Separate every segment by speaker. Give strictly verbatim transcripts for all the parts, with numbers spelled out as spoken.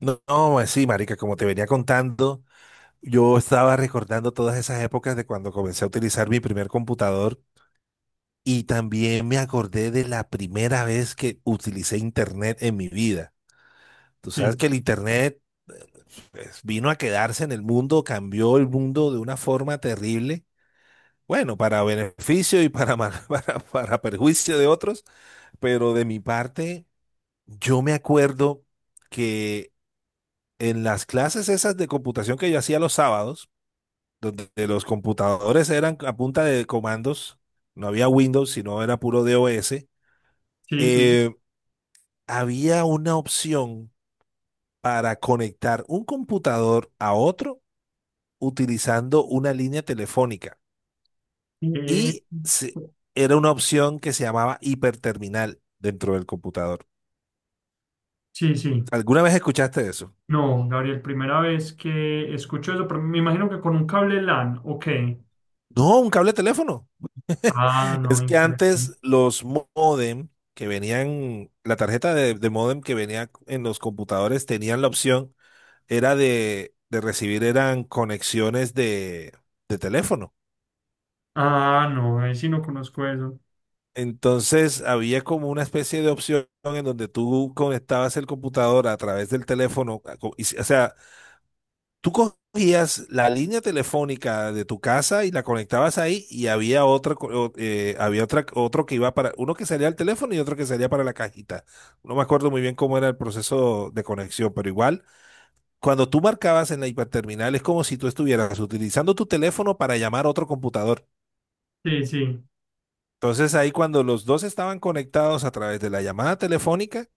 Speaker 1: No, no, pues sí, marica, como te venía contando, yo estaba recordando todas esas épocas de cuando comencé a utilizar mi primer computador y también me acordé de la primera vez que utilicé internet en mi vida. Tú sabes
Speaker 2: Sí,
Speaker 1: que el internet eh, pues, vino a quedarse en el mundo, cambió el mundo de una forma terrible. Bueno, para beneficio y para, mal- para, para perjuicio de otros, pero de mi parte, yo me acuerdo que en las clases esas de computación que yo hacía los sábados, donde los computadores eran a punta de comandos, no había Windows, sino era puro DOS.
Speaker 2: sí, sí.
Speaker 1: eh, Había una opción para conectar un computador a otro utilizando una línea telefónica.
Speaker 2: Eh,
Speaker 1: Y se- Era una opción que se llamaba hiperterminal dentro del computador.
Speaker 2: sí, sí.
Speaker 1: ¿Alguna vez escuchaste eso?
Speaker 2: No, Gabriel, primera vez que escucho eso, pero me imagino que con un cable L A N, ok.
Speaker 1: No, un cable de teléfono.
Speaker 2: Ah, no,
Speaker 1: Es que
Speaker 2: increíble.
Speaker 1: antes los modem que venían, la tarjeta de, de modem que venía en los computadores tenían la opción, era de, de recibir, eran conexiones de, de teléfono.
Speaker 2: Ah, no, ahí sí no conozco eso.
Speaker 1: Entonces había como una especie de opción en donde tú conectabas el computador a través del teléfono, a co- y s- o sea, tú cogías la línea telefónica de tu casa y la conectabas ahí y había otra, co- o- eh, había otra, otro que iba para, uno que salía al teléfono y otro que salía para la cajita. No me acuerdo muy bien cómo era el proceso de conexión, pero igual, cuando tú marcabas en la hiperterminal es como si tú estuvieras utilizando tu teléfono para llamar a otro computador.
Speaker 2: Sí, sí.
Speaker 1: Entonces ahí cuando los dos estaban conectados a través de la llamada telefónica,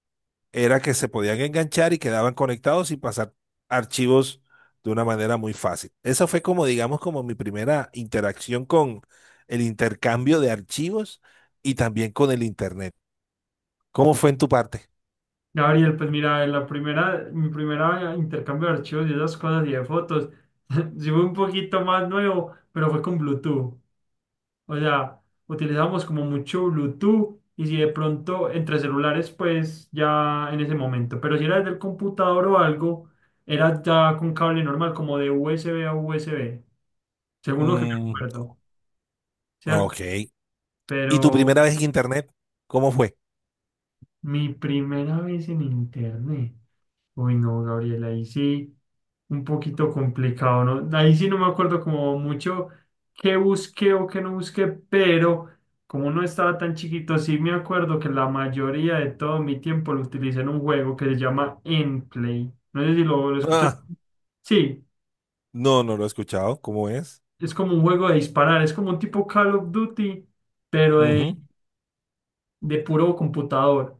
Speaker 1: era que se podían enganchar y quedaban conectados y pasar archivos de una manera muy fácil. Esa fue como, digamos, como mi primera interacción con el intercambio de archivos y también con el Internet. ¿Cómo fue en tu parte?
Speaker 2: Gabriel, pues mira, la primera, mi primera intercambio de archivos y esas cosas y de fotos, sí fue un poquito más nuevo, pero fue con Bluetooth. O sea, utilizamos como mucho Bluetooth y si de pronto entre celulares, pues ya en ese momento. Pero si era desde el computador o algo, era ya con cable normal, como de U S B a U S B, según lo que me
Speaker 1: Mm,
Speaker 2: acuerdo, ¿cierto?
Speaker 1: ok. ¿Y tu
Speaker 2: Pero
Speaker 1: primera vez en Internet? ¿Cómo fue?
Speaker 2: mi primera vez en internet. Uy, no, Gabriel, ahí sí, un poquito complicado, ¿no? Ahí sí no me acuerdo como mucho qué busqué o qué no busqué, pero como no estaba tan chiquito, sí me acuerdo que la mayoría de todo mi tiempo lo utilicé en un juego que se llama Endplay. No sé si lo, lo escuchas.
Speaker 1: Ah,
Speaker 2: Sí,
Speaker 1: no, no lo he escuchado. ¿Cómo es?
Speaker 2: es como un juego de disparar, es como un tipo Call of Duty, pero de,
Speaker 1: Ujú.
Speaker 2: de puro computador.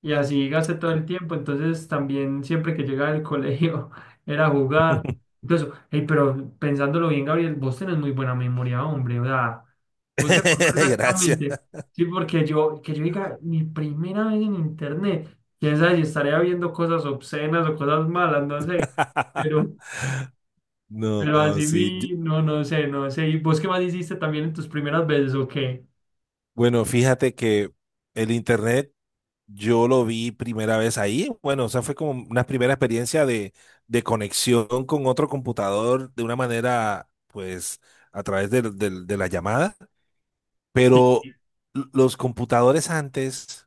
Speaker 2: Y así gasté todo el tiempo. Entonces también siempre que llegaba del colegio era jugar. Incluso, hey, pero pensándolo bien, Gabriel, vos tenés muy buena memoria, hombre. O sea, vos te acordás
Speaker 1: Gracias.
Speaker 2: exactamente. Sí, porque yo, que yo diga, mi primera vez en internet, quién sabe si estaría viendo cosas obscenas o cosas malas, no sé. Pero, pero
Speaker 1: No,
Speaker 2: así
Speaker 1: sí. Yo-
Speaker 2: vi, no, no sé, no sé. ¿Y vos qué más hiciste también en tus primeras veces o qué?
Speaker 1: Bueno, fíjate que el Internet yo lo vi primera vez ahí. Bueno, o sea, fue como una primera experiencia de, de conexión con otro computador de una manera, pues, a través del- del- de, la llamada.
Speaker 2: Sí.
Speaker 1: Pero l- los computadores antes,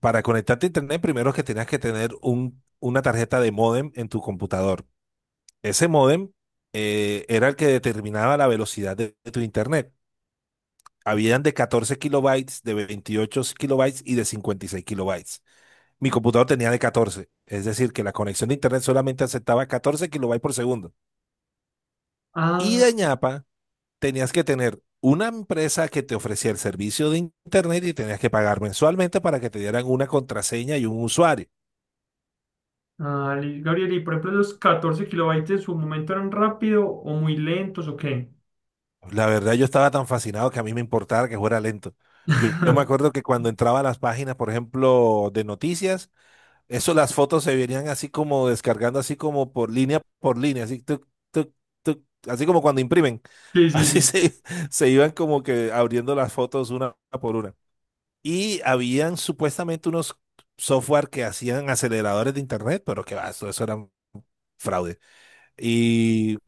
Speaker 1: para conectarte a internet, primero que tenías que tener un, una tarjeta de módem en tu computador. Ese módem eh, era el que determinaba la velocidad de, de tu internet. Habían de catorce kilobytes, de veintiocho kilobytes y de cincuenta y seis kilobytes. Mi computador tenía de catorce, es decir, que la conexión de internet solamente aceptaba catorce kilobytes por segundo. Y de
Speaker 2: Ah.
Speaker 1: ñapa, tenías que tener una empresa que te ofrecía el servicio de internet y tenías que pagar mensualmente para que te dieran una contraseña y un usuario.
Speaker 2: Ah, li- Gabriel, y por ejemplo, ¿los catorce kilobytes en su momento eran rápido o muy lentos o qué?
Speaker 1: La verdad, yo estaba tan fascinado que a mí me importaba que fuera lento. Yo, yo me acuerdo que cuando entraba a las páginas, por ejemplo, de noticias, eso las fotos se venían así como descargando, así como por línea por línea, así, tuc, tuc, tuc, así como cuando imprimen.
Speaker 2: Sí, sí,
Speaker 1: Así
Speaker 2: sí,
Speaker 1: se, se iban como que abriendo las fotos una por una. Y habían supuestamente unos software que hacían aceleradores de internet, pero que va, eso, eso era fraude. Y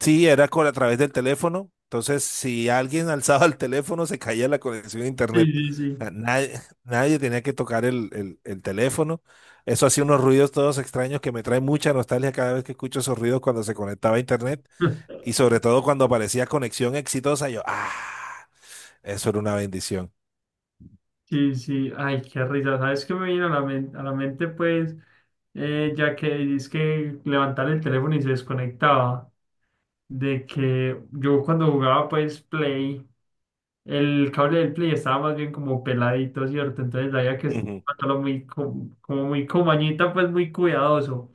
Speaker 1: sí, era con, a través del teléfono. Entonces, si alguien alzaba el teléfono, se caía la conexión a
Speaker 2: sí,
Speaker 1: internet.
Speaker 2: sí,
Speaker 1: O
Speaker 2: sí.
Speaker 1: sea, nadie, nadie tenía que tocar el, el- el teléfono. Eso hacía unos ruidos todos extraños que me trae mucha nostalgia cada vez que escucho esos ruidos cuando se conectaba a internet. Y sobre todo cuando aparecía conexión exitosa, yo, ah, eso era una bendición.
Speaker 2: Sí, sí, ay, qué risa. ¿Sabes qué me viene a la mente? A la mente, pues, eh, ya que es que levantar el teléfono y se desconectaba, de que yo cuando jugaba, pues, Play. El cable del Play estaba más bien como peladito, ¿cierto? Entonces había que
Speaker 1: Ujú,
Speaker 2: estarlo muy, co- como muy comañita, pues muy cuidadoso.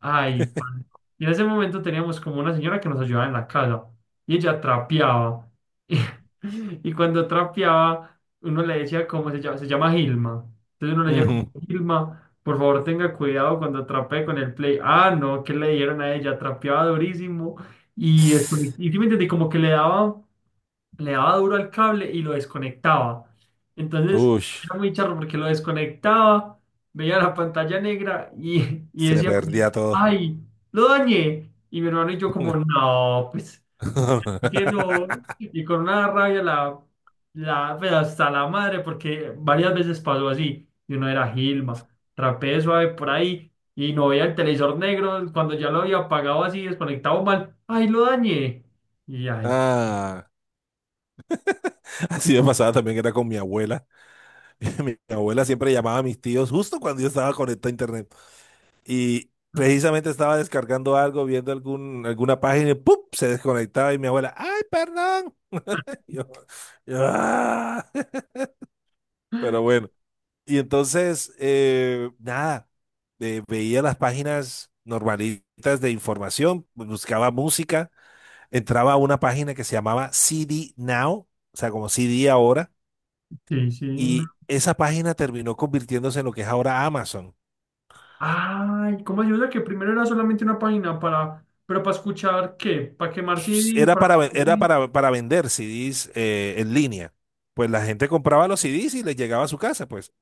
Speaker 2: Ay, pan. Y en ese momento teníamos como una señora que nos ayudaba en la casa y ella trapeaba. Y, y cuando trapeaba, uno le decía cómo se llama, se llama Gilma. Entonces uno le decía como,
Speaker 1: ujú.
Speaker 2: Gilma, por favor tenga cuidado cuando trapee con el play. Ah, no, ¿qué le dijeron a ella? Trapeaba durísimo. Y después, y sí me entendí, como que le daba le daba duro al cable y lo desconectaba. Entonces
Speaker 1: Uy,
Speaker 2: era muy charro porque lo desconectaba, veía la pantalla negra y, y
Speaker 1: se
Speaker 2: decía como,
Speaker 1: perdía todo.
Speaker 2: ay, lo dañé. Y mi hermano y yo como, no, pues, ¿por qué no? Y con una rabia la, la, pero hasta la madre, porque varias veces pasó así. Y uno era Gilma, rapeé suave por ahí y no veía el televisor negro. Cuando ya lo había apagado así, desconectado mal, ay, lo dañé. Y ay,
Speaker 1: Ah, así me pasaba también que era con mi abuela. Mi abuela siempre llamaba a mis tíos justo cuando yo estaba conectado a internet. Y precisamente estaba descargando algo, viendo algún, alguna página y ¡pum! Se desconectaba y mi abuela, ¡ay, perdón! Yo- yo, "Ah". Pero bueno, y entonces, eh, nada, eh, veía las páginas normalitas de información, buscaba música. Entraba a una página que se llamaba C D Now, o sea, como C D ahora,
Speaker 2: sí, sí, no.
Speaker 1: y esa página terminó convirtiéndose en lo que es ahora Amazon.
Speaker 2: Ay, ¿cómo ayuda? Que primero era solamente una página para, pero para escuchar qué, para quemar C D,
Speaker 1: Era
Speaker 2: para...
Speaker 1: para, ven- era
Speaker 2: Sí,
Speaker 1: para, para vender C Ds eh, en línea. Pues la gente compraba los C Ds y les llegaba a su casa, pues.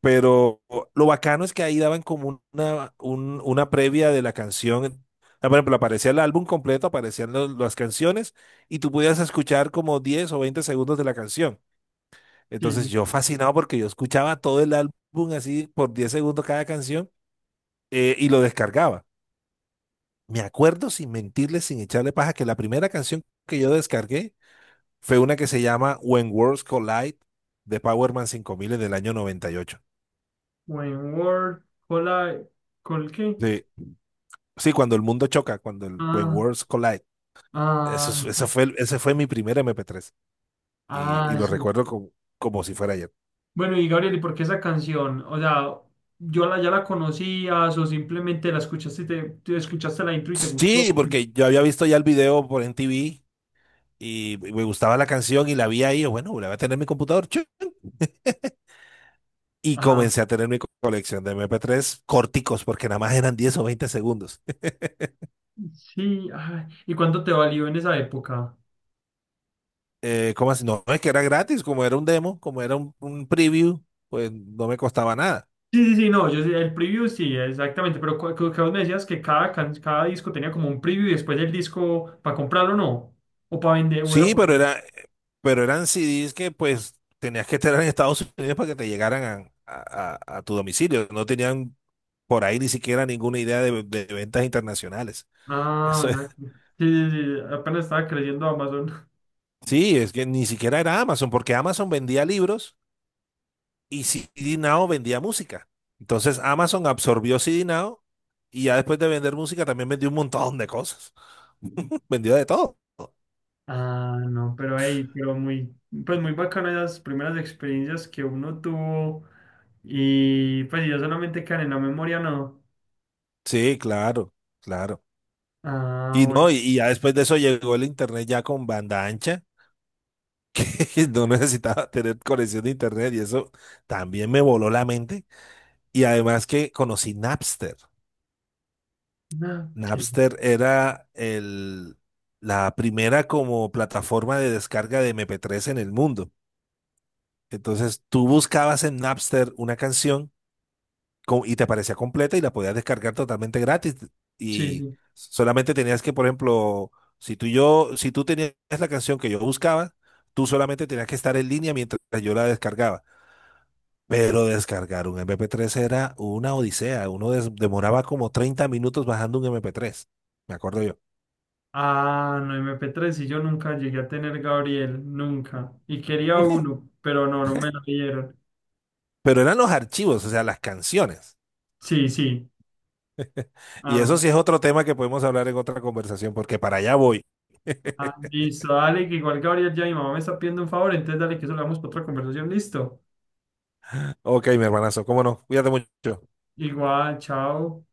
Speaker 1: Pero lo bacano es que ahí daban como una, un- una previa de la canción. Ah, por ejemplo, aparecía el álbum completo, aparecían lo- las canciones y tú podías escuchar como diez o veinte segundos de la canción. Entonces
Speaker 2: sí.
Speaker 1: yo fascinado porque yo escuchaba todo el álbum así por diez segundos cada canción eh, y lo descargaba. Me acuerdo sin mentirle, sin echarle paja, que la primera canción que yo descargué fue una que se llama When Worlds Collide de Power Man cinco mil del año noventa y ocho.
Speaker 2: When Word, cola, ¿col qué?
Speaker 1: Sí, sí, cuando el mundo choca, cuando el When
Speaker 2: Ah,
Speaker 1: Worlds Collide. Eso,
Speaker 2: ah,
Speaker 1: es- eso fue, el- ese fue mi primer M P tres y, y
Speaker 2: ah,
Speaker 1: lo
Speaker 2: eso.
Speaker 1: recuerdo como, como si fuera ayer.
Speaker 2: Bueno, y Gabriel, ¿y por qué esa canción? O sea, ¿yo la, ya la conocías o simplemente la escuchaste y te, te escuchaste la intro y te gustó?
Speaker 1: Sí, porque yo había visto ya el video por M T V y me gustaba la canción y la vi ahí, yo, bueno, la voy a tener en mi computador, chu. Y
Speaker 2: Ajá.
Speaker 1: comencé a tener mi co- colección de mp tres corticos, porque nada más eran diez o veinte segundos.
Speaker 2: Sí, ay, ¿y cuánto te valió en esa época?
Speaker 1: Eh, ¿cómo así? No, es que era gratis, como era un demo, como era un, un preview, pues no me costaba nada.
Speaker 2: Sí, sí, sí, no, yo sí, el preview sí, exactamente, pero cu- cu- que vos me decías que cada, can- cada disco tenía como un preview y después el disco para comprarlo, ¿no? O para vender, o era
Speaker 1: Sí,
Speaker 2: para
Speaker 1: pero
Speaker 2: vender.
Speaker 1: era, pero eran C Ds que pues tenías que estar en Estados Unidos para que te llegaran a, a- a- a tu domicilio. No tenían por ahí ni siquiera ninguna idea de, de ventas internacionales.
Speaker 2: Ah,
Speaker 1: Eso es-
Speaker 2: ya. Sí, sí, sí, apenas estaba creciendo Amazon.
Speaker 1: Sí, es que ni siquiera era Amazon, porque Amazon vendía libros y C D Now vendía música. Entonces Amazon absorbió C D Now y ya después de vender música también vendió un montón de cosas. Vendió de todo.
Speaker 2: Ah, no, pero ahí, pero muy, pues muy bacano esas primeras experiencias que uno tuvo y pues yo solamente quedan en la memoria, ¿no?
Speaker 1: Sí, claro, claro.
Speaker 2: Ah,
Speaker 1: Y
Speaker 2: bueno.
Speaker 1: no, y, y ya después de eso llegó el internet ya con banda ancha, que no necesitaba tener conexión de internet y eso también me voló la mente. Y además que conocí Napster.
Speaker 2: Ah, ok.
Speaker 1: Napster era el, la primera como plataforma de descarga de M P tres en el mundo. Entonces tú buscabas en Napster una canción co- y te aparecía completa y la podías descargar totalmente gratis.
Speaker 2: Sí,
Speaker 1: Y
Speaker 2: sí.
Speaker 1: solamente tenías que, por ejemplo, si tú y yo, si tú tenías la canción que yo buscaba, tú solamente tenías que estar en línea mientras yo la descargaba. Pero descargar un M P tres era una odisea. Uno des- demoraba como treinta minutos bajando un M P tres. Me acuerdo yo.
Speaker 2: Ah, no, M P tres y yo nunca llegué a tener Gabriel, nunca. Y quería uno, pero no, no me lo dieron.
Speaker 1: Pero eran los archivos, o sea, las canciones.
Speaker 2: Sí, sí.
Speaker 1: Y eso
Speaker 2: Ah,
Speaker 1: sí es otro tema que podemos hablar en otra conversación, porque para allá voy.
Speaker 2: ah, listo, dale, que igual Gabriel ya mi mamá me está pidiendo un favor, entonces dale que eso lo damos para otra conversación, listo.
Speaker 1: Ok, mi hermanazo, cómo no. Cuídate mucho.
Speaker 2: Igual, chao.